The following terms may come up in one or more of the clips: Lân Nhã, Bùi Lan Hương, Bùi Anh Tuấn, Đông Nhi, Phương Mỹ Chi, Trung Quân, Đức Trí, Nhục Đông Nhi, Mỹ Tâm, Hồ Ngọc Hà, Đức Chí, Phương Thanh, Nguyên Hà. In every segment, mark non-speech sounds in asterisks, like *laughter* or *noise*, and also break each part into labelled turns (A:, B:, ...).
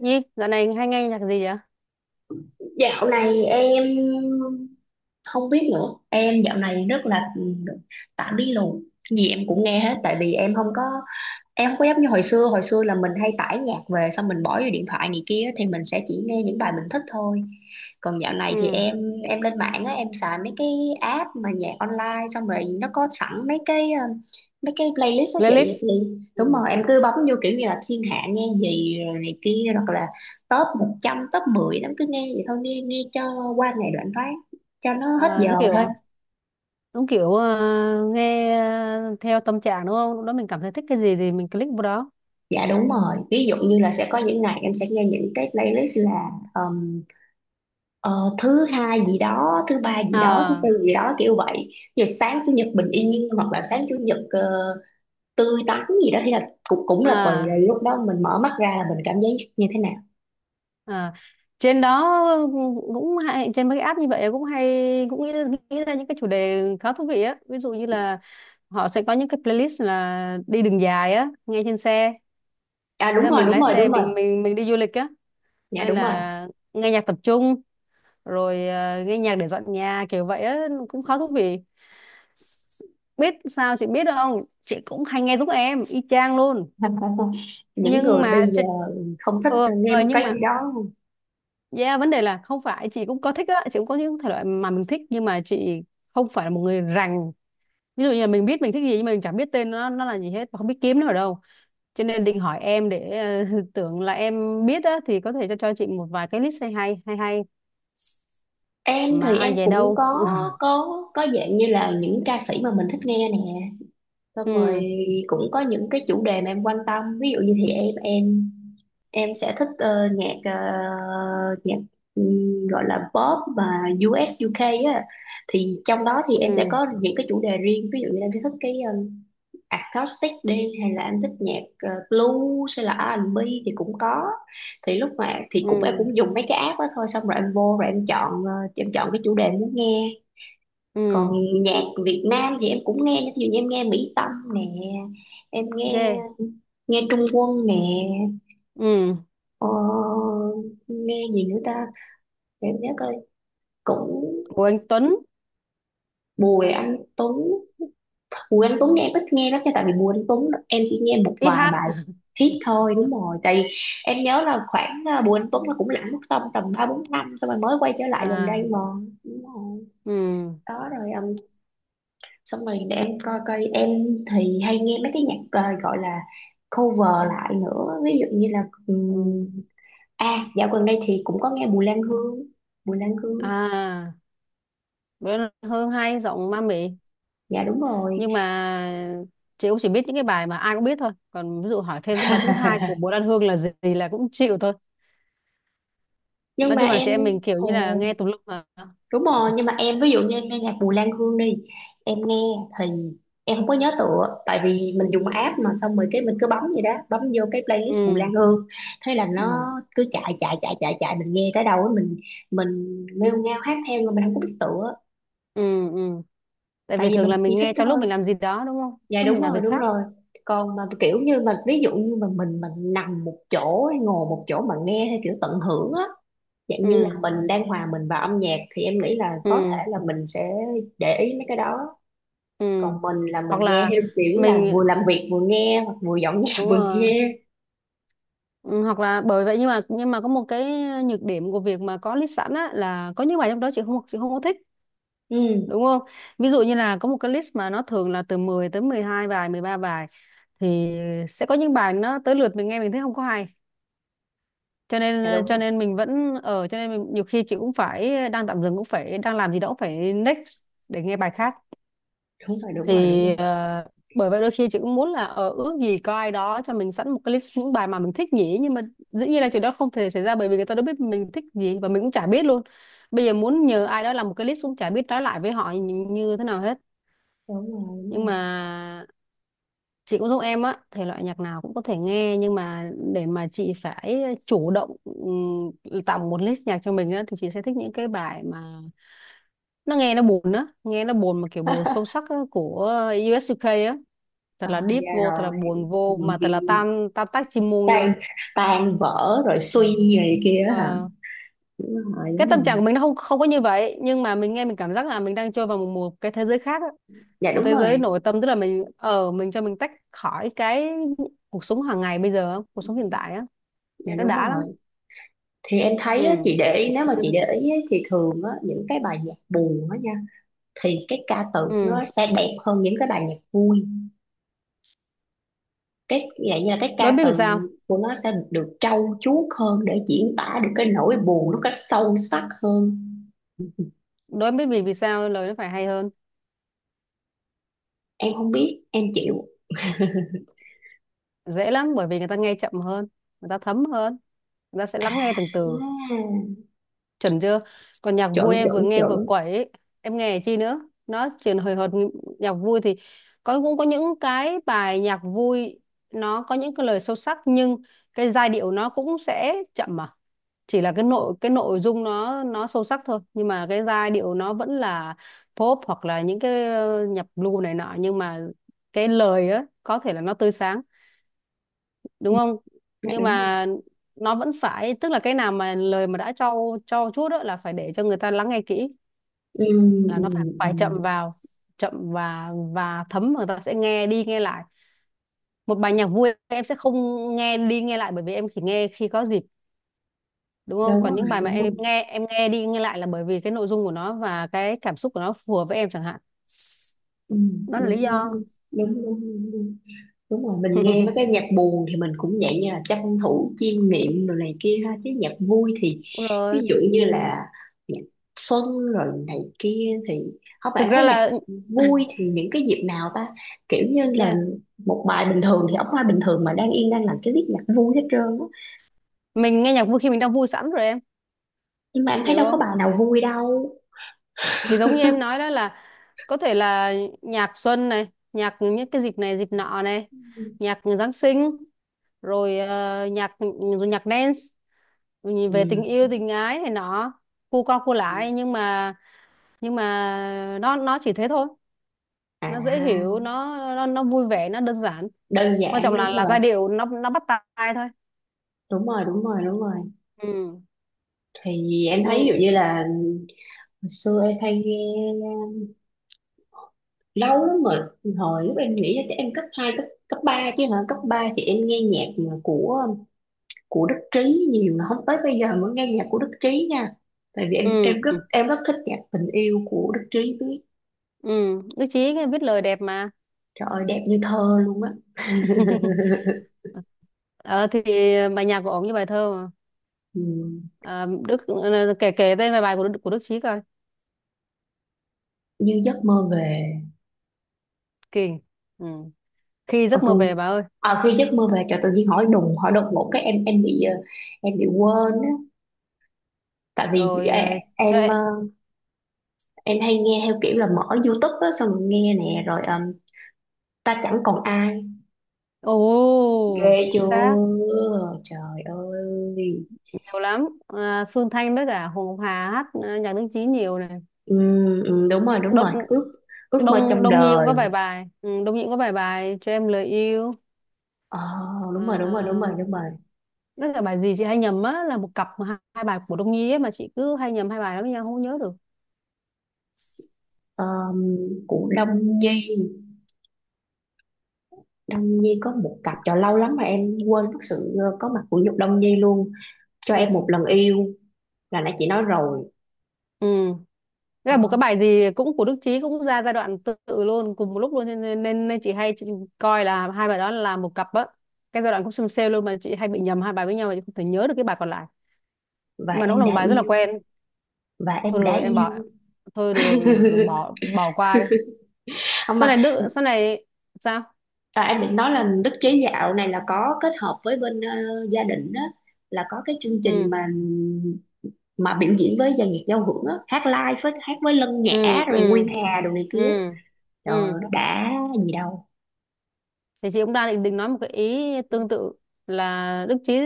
A: Nhi, dạo này hay nghe nhạc gì vậy?
B: Dạo này em không biết nữa. Em dạo này rất là tạm bí lù. Gì em cũng nghe hết tại vì em không có, em không có giống như hồi xưa. Hồi xưa là mình hay tải nhạc về, xong mình bỏ vô điện thoại này kia thì mình sẽ chỉ nghe những bài mình thích thôi. Còn dạo này thì
A: Ừ,
B: em lên mạng á, em xài mấy cái app mà nhạc online, xong rồi nó có sẵn mấy cái mấy cái playlist đó chị,
A: playlist.
B: thì
A: Ừ.
B: đúng rồi, em cứ bấm vô kiểu như là thiên hạ nghe gì rồi này kia, hoặc là top một trăm, top mười, nó cứ nghe vậy thôi, nghe nghe cho qua ngày đoạn phát, cho nó hết
A: Ờ,
B: giờ
A: nó
B: thôi.
A: kiểu đúng kiểu, nghe theo tâm trạng đúng không? Lúc đó mình cảm thấy thích cái gì thì mình click vào đó.
B: Dạ đúng rồi, ví dụ như là sẽ có những ngày em sẽ nghe những cái playlist là ờ, thứ hai gì đó, thứ ba gì đó, thứ
A: À,
B: tư gì đó, kiểu vậy. Giờ sáng chủ nhật bình yên, hoặc là sáng chủ nhật tươi tắn gì đó, thì là cũng cũng là tùy là
A: à,
B: lúc đó mình mở mắt ra là mình cảm giác như thế nào.
A: à. Trên đó cũng hay, trên mấy cái app như vậy cũng hay, cũng nghĩ ra những cái chủ đề khá thú vị á. Ví dụ như là họ sẽ có những cái playlist là đi đường dài á, nghe trên xe.
B: À
A: Thế
B: đúng
A: là
B: rồi
A: mình
B: đúng
A: lái
B: rồi
A: xe,
B: đúng rồi.
A: mình đi du lịch á,
B: Dạ
A: hay
B: đúng rồi.
A: là nghe nhạc tập trung, rồi nghe nhạc để dọn nhà kiểu vậy á, cũng khá thú vị. Biết sao chị biết không, chị cũng hay nghe giúp em y chang luôn.
B: *laughs* Những
A: nhưng
B: người bây
A: mà chị-
B: giờ không thích
A: ừ,
B: nghe
A: ờ,
B: một
A: nhưng
B: cái gì
A: mà
B: đó.
A: yeah, vấn đề là không phải chị cũng có thích á, chị cũng có những thể loại mà mình thích, nhưng mà chị không phải là một người rành. Ví dụ như là mình biết mình thích gì, nhưng mà mình chẳng biết tên nó là gì hết, và không biết kiếm nó ở đâu, cho nên định hỏi em để ờ, *laughs* tưởng là em biết á, thì có thể cho chị một vài cái list hay hay hay hay
B: Em
A: mà
B: thì em
A: ai về
B: cũng
A: đâu.
B: có,
A: *laughs*
B: có có dạng như là những ca sĩ mà mình thích nghe nè, xong rồi
A: Ừ,
B: cũng có những cái chủ đề mà em quan tâm. Ví dụ như thì em sẽ thích nhạc, nhạc, gọi là pop và US UK á, thì trong đó thì
A: ừ,
B: em sẽ có những cái chủ đề riêng. Ví dụ như em sẽ thích cái acoustic đi, hay là em thích nhạc blues, hay là R&B thì cũng có. Thì lúc mà thì cũng em
A: ừ,
B: cũng dùng mấy cái app đó thôi, xong rồi em vô rồi em chọn, em chọn cái chủ đề em muốn nghe.
A: ừ.
B: Còn nhạc Việt Nam thì em cũng nghe, ví dụ như em nghe Mỹ Tâm nè, em nghe
A: Ghê.
B: nghe Trung Quân nè.
A: Ừ.
B: Ờ, Nghe gì nữa ta, để em nhớ coi. Cũng
A: Của anh Tuấn.
B: Bùi Anh Tuấn. Bùi Anh Tuấn nghe em ít nghe lắm nha, tại vì Bùi Anh Tuấn em chỉ nghe một
A: Ít
B: vài
A: hát.
B: bài hit
A: *laughs*
B: thôi, đúng rồi. Tại vì em nhớ là khoảng Bùi Anh Tuấn là cũng lãng mất tầm tầm ba bốn năm, xong rồi mới quay trở lại gần
A: À.
B: đây mà, đúng rồi.
A: Ừ,
B: Đó rồi, xong rồi để em coi coi. Em thì hay nghe mấy cái nhạc gọi là cover lại nữa. Ví dụ như là,
A: ừ.
B: à, dạo gần đây thì cũng có nghe Bùi Lan Hương. Bùi Lan Hương,
A: À, bữa Hương hay, giọng ma mị.
B: dạ đúng rồi.
A: Nhưng mà chị cũng chỉ biết những cái bài mà ai cũng biết thôi, còn ví dụ hỏi thêm tới bài thứ hai của Bùi
B: *laughs*
A: Lan Hương là gì thì là cũng chịu thôi.
B: Nhưng
A: Nói
B: mà
A: chung là
B: em,
A: chị em mình kiểu như là
B: ồ
A: nghe tùm lum mà.
B: đúng rồi. Nhưng mà em, ví dụ như em nghe nhạc Bùi Lan Hương đi, em nghe thì em không có nhớ tựa, tại vì mình dùng app mà, xong rồi cái mình cứ bấm vậy đó, bấm vô cái playlist Bùi
A: Ừ,
B: Lan Hương, thế là nó
A: ừ,
B: cứ chạy chạy chạy chạy chạy, mình nghe tới đâu ấy, mình nghêu ngao hát theo mà mình không có biết tựa,
A: ừ, ừ. Tại
B: tại
A: vì
B: vì
A: thường
B: mình
A: là
B: chỉ
A: mình
B: thích
A: nghe trong lúc
B: thôi.
A: mình làm gì đó đúng không,
B: Dạ
A: lúc
B: đúng
A: mình làm
B: rồi,
A: việc
B: đúng
A: khác.
B: rồi. Còn mà kiểu như mà, ví dụ như mà mình nằm một chỗ hay ngồi một chỗ mà nghe theo kiểu tận hưởng á, dạng như là
A: Ừ,
B: mình đang hòa mình vào âm nhạc, thì em nghĩ là
A: ừ,
B: có thể là mình sẽ để ý mấy cái đó.
A: ừ.
B: Còn mình là mình
A: Hoặc
B: nghe
A: là
B: theo kiểu là
A: mình.
B: vừa làm việc vừa nghe, hoặc vừa dọn nhà *laughs*
A: Đúng
B: vừa
A: rồi.
B: nghe.
A: Ừ, hoặc là bởi vậy. Nhưng mà có một cái nhược điểm của việc mà có list sẵn á, là có những bài trong đó chị không có thích,
B: Ừ,
A: đúng không? Ví dụ như là có một cái list mà nó thường là từ 10 tới 12 bài, 13 bài, thì sẽ có những bài nó tới lượt mình nghe mình thấy không có hay, cho
B: dạ
A: nên
B: đúng
A: cho
B: rồi
A: nên mình vẫn ở cho nên mình, nhiều khi chị cũng phải đang tạm dừng, cũng phải đang làm gì đó, cũng phải next để nghe bài khác.
B: đúng rồi đúng
A: Thì
B: rồi Đúng rồi
A: ờ, bởi vậy đôi khi chị cũng muốn là ở ước gì có ai đó cho mình sẵn một cái list những bài mà mình thích nhỉ, nhưng mà dĩ nhiên là chuyện đó không thể xảy ra, bởi vì người ta đâu biết mình thích gì và mình cũng chả biết luôn. Bây giờ muốn nhờ ai đó làm một cái list cũng chả biết nói lại với họ như thế nào hết.
B: đúng rồi đúng
A: Nhưng
B: rồi.
A: mà chị cũng giống em á, thể loại nhạc nào cũng có thể nghe, nhưng mà để mà chị phải chủ động tạo một list nhạc cho mình á, thì chị sẽ thích những cái bài mà nó nghe nó buồn á, nghe nó buồn mà kiểu buồn sâu
B: *laughs*
A: sắc á, của US UK á,
B: à,
A: thật là deep
B: dạ
A: vô, thật là
B: rồi.
A: buồn
B: Ừ,
A: vô, mà thật là tan tan tác chim muông vô.
B: tan, tan vỡ rồi suy
A: Ờ.
B: gì này kia á hả,
A: Ờ,
B: đúng rồi,
A: cái
B: đúng
A: tâm
B: rồi.
A: trạng của mình nó không không có như vậy, nhưng mà mình nghe mình cảm giác là mình đang trôi vào một cái thế giới khác á.
B: Dạ
A: Một
B: đúng
A: thế giới
B: rồi.
A: nội tâm, tức là mình ở mình cho mình tách khỏi cái cuộc sống hàng ngày bây giờ á, cuộc sống hiện tại á,
B: Dạ
A: nên nó
B: đúng
A: đã
B: rồi.
A: lắm.
B: Thì em thấy á,
A: Ừ,
B: chị để ý, nếu mà chị để ý á, thì thường á, những cái bài nhạc buồn á nha, thì cái ca từ
A: ừ.
B: nó sẽ đẹp hơn những cái bài nhạc vui. Cái vậy như là cái
A: Đối
B: ca
A: biết
B: từ
A: vì sao.
B: của nó sẽ được trau chuốt hơn, để diễn tả được cái nỗi buồn nó cách sâu sắc hơn.
A: Đối biết vì vì sao lời nó phải hay hơn?
B: Em không biết, em chịu.
A: Dễ lắm, bởi vì người ta nghe chậm hơn, người ta thấm hơn, người ta sẽ lắng nghe từng từ.
B: À,
A: Chuẩn chưa? Còn nhạc
B: chuẩn
A: vui em
B: chuẩn
A: vừa nghe
B: chuẩn.
A: vừa quẩy ấy. Em nghe chi nữa? Nó chuyển hồi hộp. Nhạc vui thì có, cũng có những cái bài nhạc vui nó có những cái lời sâu sắc, nhưng cái giai điệu nó cũng sẽ chậm mà. Chỉ là cái nội dung nó sâu sắc thôi, nhưng mà cái giai điệu nó vẫn là pop, hoặc là những cái nhạc blue này nọ, nhưng mà cái lời á có thể là nó tươi sáng, đúng
B: Ừ.
A: không?
B: Dạ
A: Nhưng
B: đúng rồi.
A: mà nó vẫn phải, tức là cái nào mà lời mà đã cho chút đó là phải để cho người ta lắng nghe kỹ,
B: Ừ, ừ,
A: là
B: ừ.
A: nó phải
B: ừ.
A: phải chậm vào, chậm và thấm, người ta sẽ nghe đi nghe lại. Một bài nhạc vui em sẽ không nghe đi nghe lại, bởi vì em chỉ nghe khi có dịp, đúng không?
B: Đúng
A: Còn những
B: rồi,
A: bài mà
B: đúng rồi.
A: em nghe đi nghe lại là bởi vì cái nội dung của nó và cái cảm xúc của nó phù hợp với em chẳng hạn.
B: Ừ,
A: Đó là lý
B: đúng đúng
A: do.
B: đúng đúng. Đúng rồi, mình nghe mấy
A: *laughs*
B: cái nhạc buồn thì mình cũng dạng như là tranh thủ chiêm nghiệm rồi này kia ha, chứ nhạc vui thì,
A: Đúng rồi,
B: ví dụ như là nhạc xuân rồi này kia thì không.
A: thực
B: Bạn
A: ra
B: thấy nhạc
A: là
B: vui
A: *laughs*
B: thì những cái dịp nào ta, kiểu như là
A: yeah,
B: một bài bình thường thì ông hoa bình thường mà đang yên đang làm cái viết nhạc vui hết trơn á.
A: mình nghe nhạc vui khi mình đang vui sẵn rồi, em
B: Nhưng mà em thấy
A: hiểu
B: đâu có
A: không?
B: bài nào vui đâu.
A: Thì giống như em nói đó, là có thể là nhạc xuân này, nhạc những cái dịp này dịp nọ này, nhạc Giáng sinh, rồi nhạc rồi nhạc dance
B: Ừ.
A: về tình yêu tình ái này nọ, cu cao cu lại. Nhưng mà nó chỉ thế thôi. Nó dễ hiểu,
B: À,
A: nó vui vẻ, nó đơn giản,
B: đơn
A: quan trọng
B: giản,
A: là
B: đúng
A: là
B: rồi
A: giai điệu nó bắt tai thôi.
B: đúng rồi đúng rồi đúng rồi.
A: Ừ,
B: Thì em thấy ví dụ
A: ừ,
B: như là hồi xưa em hay nghe, lâu lắm rồi, hồi lúc em nghĩ là chắc em cấp hai, cấp cấp 3 chứ hả. Cấp 3 thì em nghe nhạc mà của Đức Trí nhiều, mà không, tới bây giờ mới nghe nhạc của Đức Trí nha. Tại vì em
A: ừ,
B: em rất, em rất thích nhạc tình yêu của Đức Trí biết.
A: ừ. Đức Chí viết lời đẹp mà.
B: Trời ơi, đẹp như thơ luôn á. *laughs*
A: *laughs* Ờ thì bài nhạc của ổng như bài thơ.
B: Ừ,
A: À, kể kể tên vài bài của Đức Chí coi.
B: như giấc mơ về.
A: Kỳ. Ừ. Khi
B: Ờ
A: giấc mơ
B: tôi,
A: về bà ơi,
B: à, khi giấc mơ về, trời tự nhiên hỏi đùng hỏi đột ngột cái em bị, em bị quên á. Tại vì
A: rồi
B: em
A: chạy.
B: em hay nghe theo kiểu là mở YouTube á, xong rồi nghe nè, rồi ta chẳng còn ai.
A: Ồ,
B: Ghê
A: chính
B: chưa,
A: xác.
B: trời ơi.
A: Nhiều lắm. À, Phương Thanh với cả Hồ Ngọc Hà hát nhạc Đức Chí nhiều này.
B: Ừ, ừ, đúng rồi, đúng
A: Đột,
B: rồi. Ước, ước mơ
A: Đông
B: trong
A: Đông Nhi cũng
B: đời.
A: có vài bài, Đông Nhi cũng có vài bài cho em lời yêu.
B: ờ, đúng rồi
A: À,
B: đúng rồi.
A: với cả bài gì chị hay nhầm á, là một cặp mà hai bài của Đông Nhi ấy, mà chị cứ hay nhầm hai bài đó với nhau, không nhớ được.
B: Ờm, của Đông Nhi, Đông Nhi có một cặp, trời lâu lắm mà em quên mất sự có mặt của Nhục Đông Nhi luôn. Cho
A: Ừ.
B: em một lần yêu, là nãy chị nói rồi.
A: Ừ. Thế
B: Ờ,
A: là một cái bài gì cũng của Đức Chí cũng ra giai đoạn tương tự luôn, cùng một lúc luôn, nên nên, nên nên chị hay coi là hai bài đó là một cặp á. Cái giai đoạn cũng xem sale luôn, mà chị hay bị nhầm hai bài với nhau, mà chị không thể nhớ được cái bài còn lại,
B: và
A: mà nó cũng
B: em
A: là một
B: đã
A: bài rất là
B: yêu,
A: quen.
B: và
A: Thôi
B: em
A: được
B: đã
A: rồi, em
B: yêu.
A: bỏ, thôi được rồi,
B: *laughs*
A: bỏ bỏ qua đi.
B: Không
A: sau
B: mà,
A: này Đức sau này sao?
B: à, em định nói là đức chế dạo này là có kết hợp với bên gia đình đó, là có cái chương
A: Ừ,
B: trình mà biểu diễn với dàn nhạc giao hưởng á, hát live với, hát với Lân
A: ừ,
B: Nhã rồi Nguyên
A: ừ,
B: Hà đồ này
A: ừ,
B: kia.
A: ừ,
B: Trời
A: ừ.
B: ơi, nó đã gì đâu.
A: Thì chị cũng đang định nói một cái ý tương tự, là Đức Chí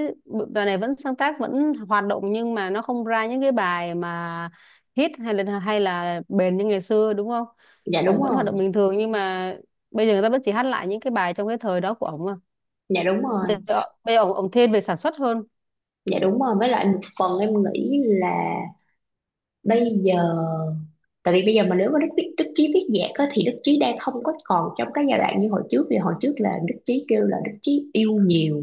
A: bài này vẫn sáng tác, vẫn hoạt động, nhưng mà nó không ra những cái bài mà hit, hay là bền như ngày xưa, đúng không?
B: Dạ đúng
A: Ổng vẫn hoạt động
B: rồi.
A: bình thường, nhưng mà bây giờ người ta vẫn chỉ hát lại những cái bài trong cái thời đó của ổng à.
B: Dạ đúng rồi.
A: Bây giờ ổng ổng thiên về sản xuất hơn.
B: Dạ đúng rồi, với lại một phần em nghĩ là, bây giờ, tại vì bây giờ mà nếu mà Đức Chí viết nhạc á, thì Đức Chí đang không có còn trong cái giai đoạn như hồi trước, vì hồi trước là Đức Chí kêu là Đức Chí yêu nhiều,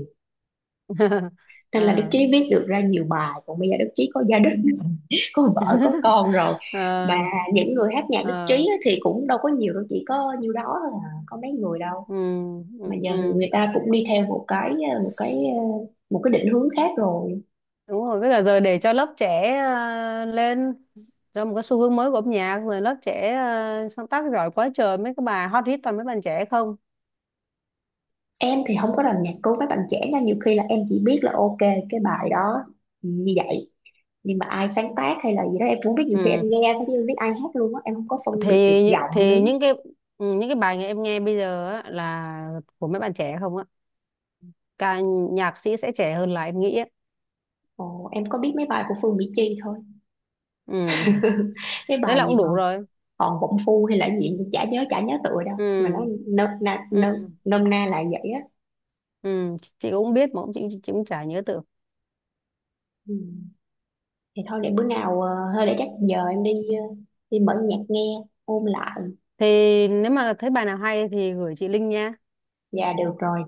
A: *laughs*
B: nên là Đức
A: Ờ.
B: Chí viết được ra nhiều bài. Còn bây giờ Đức Chí có gia đình, có vợ có
A: *laughs*
B: con rồi.
A: Ờ.
B: Mà những người hát nhạc đích trí
A: Ờ.
B: á thì cũng đâu có nhiều đâu, chỉ có nhiêu đó thôi à, có mấy người đâu.
A: Ừ. Ừ.
B: Mà giờ
A: Ừ.
B: người ta cũng đi theo một cái một cái định hướng khác rồi.
A: Đúng rồi, với cả giờ để cho lớp trẻ lên, cho một cái xu hướng mới của âm nhạc, rồi lớp trẻ sáng tác giỏi quá trời, mấy cái bài hot hit toàn mấy bạn trẻ không.
B: Em thì không có làm nhạc cứu mấy bạn trẻ nha, nhiều khi là em chỉ biết là ok cái bài đó như vậy, nhưng mà ai sáng tác hay là gì đó em cũng biết, nhiều khi em
A: Ừ.
B: nghe thôi chứ em biết ai hát luôn á, em không có phân
A: thì
B: biệt được giọng nữa.
A: thì những cái bài em nghe bây giờ á, là của mấy bạn trẻ không á. ca Nhạc sĩ sẽ trẻ hơn là em nghĩ á.
B: Ồ, em có biết mấy bài của Phương Mỹ Chi thôi.
A: Ừ.
B: *laughs* Cái
A: Thế
B: bài
A: là
B: gì
A: cũng
B: mà
A: đủ rồi.
B: còn bụng phu hay là cái gì, chả nhớ, chả nhớ tựa đâu, mà
A: Ừ.
B: nó nôm na,
A: Ừ.
B: nôm na là vậy á.
A: Ừ. Chị cũng biết mà, cũng chị cũng chả nhớ tưởng.
B: Ừ. Thì thôi để bữa nào, thôi để chắc giờ em đi, ờ, đi mở nhạc nghe, ôn lại.
A: Thì nếu mà thấy bài nào hay thì gửi chị link nha.
B: Dạ được rồi.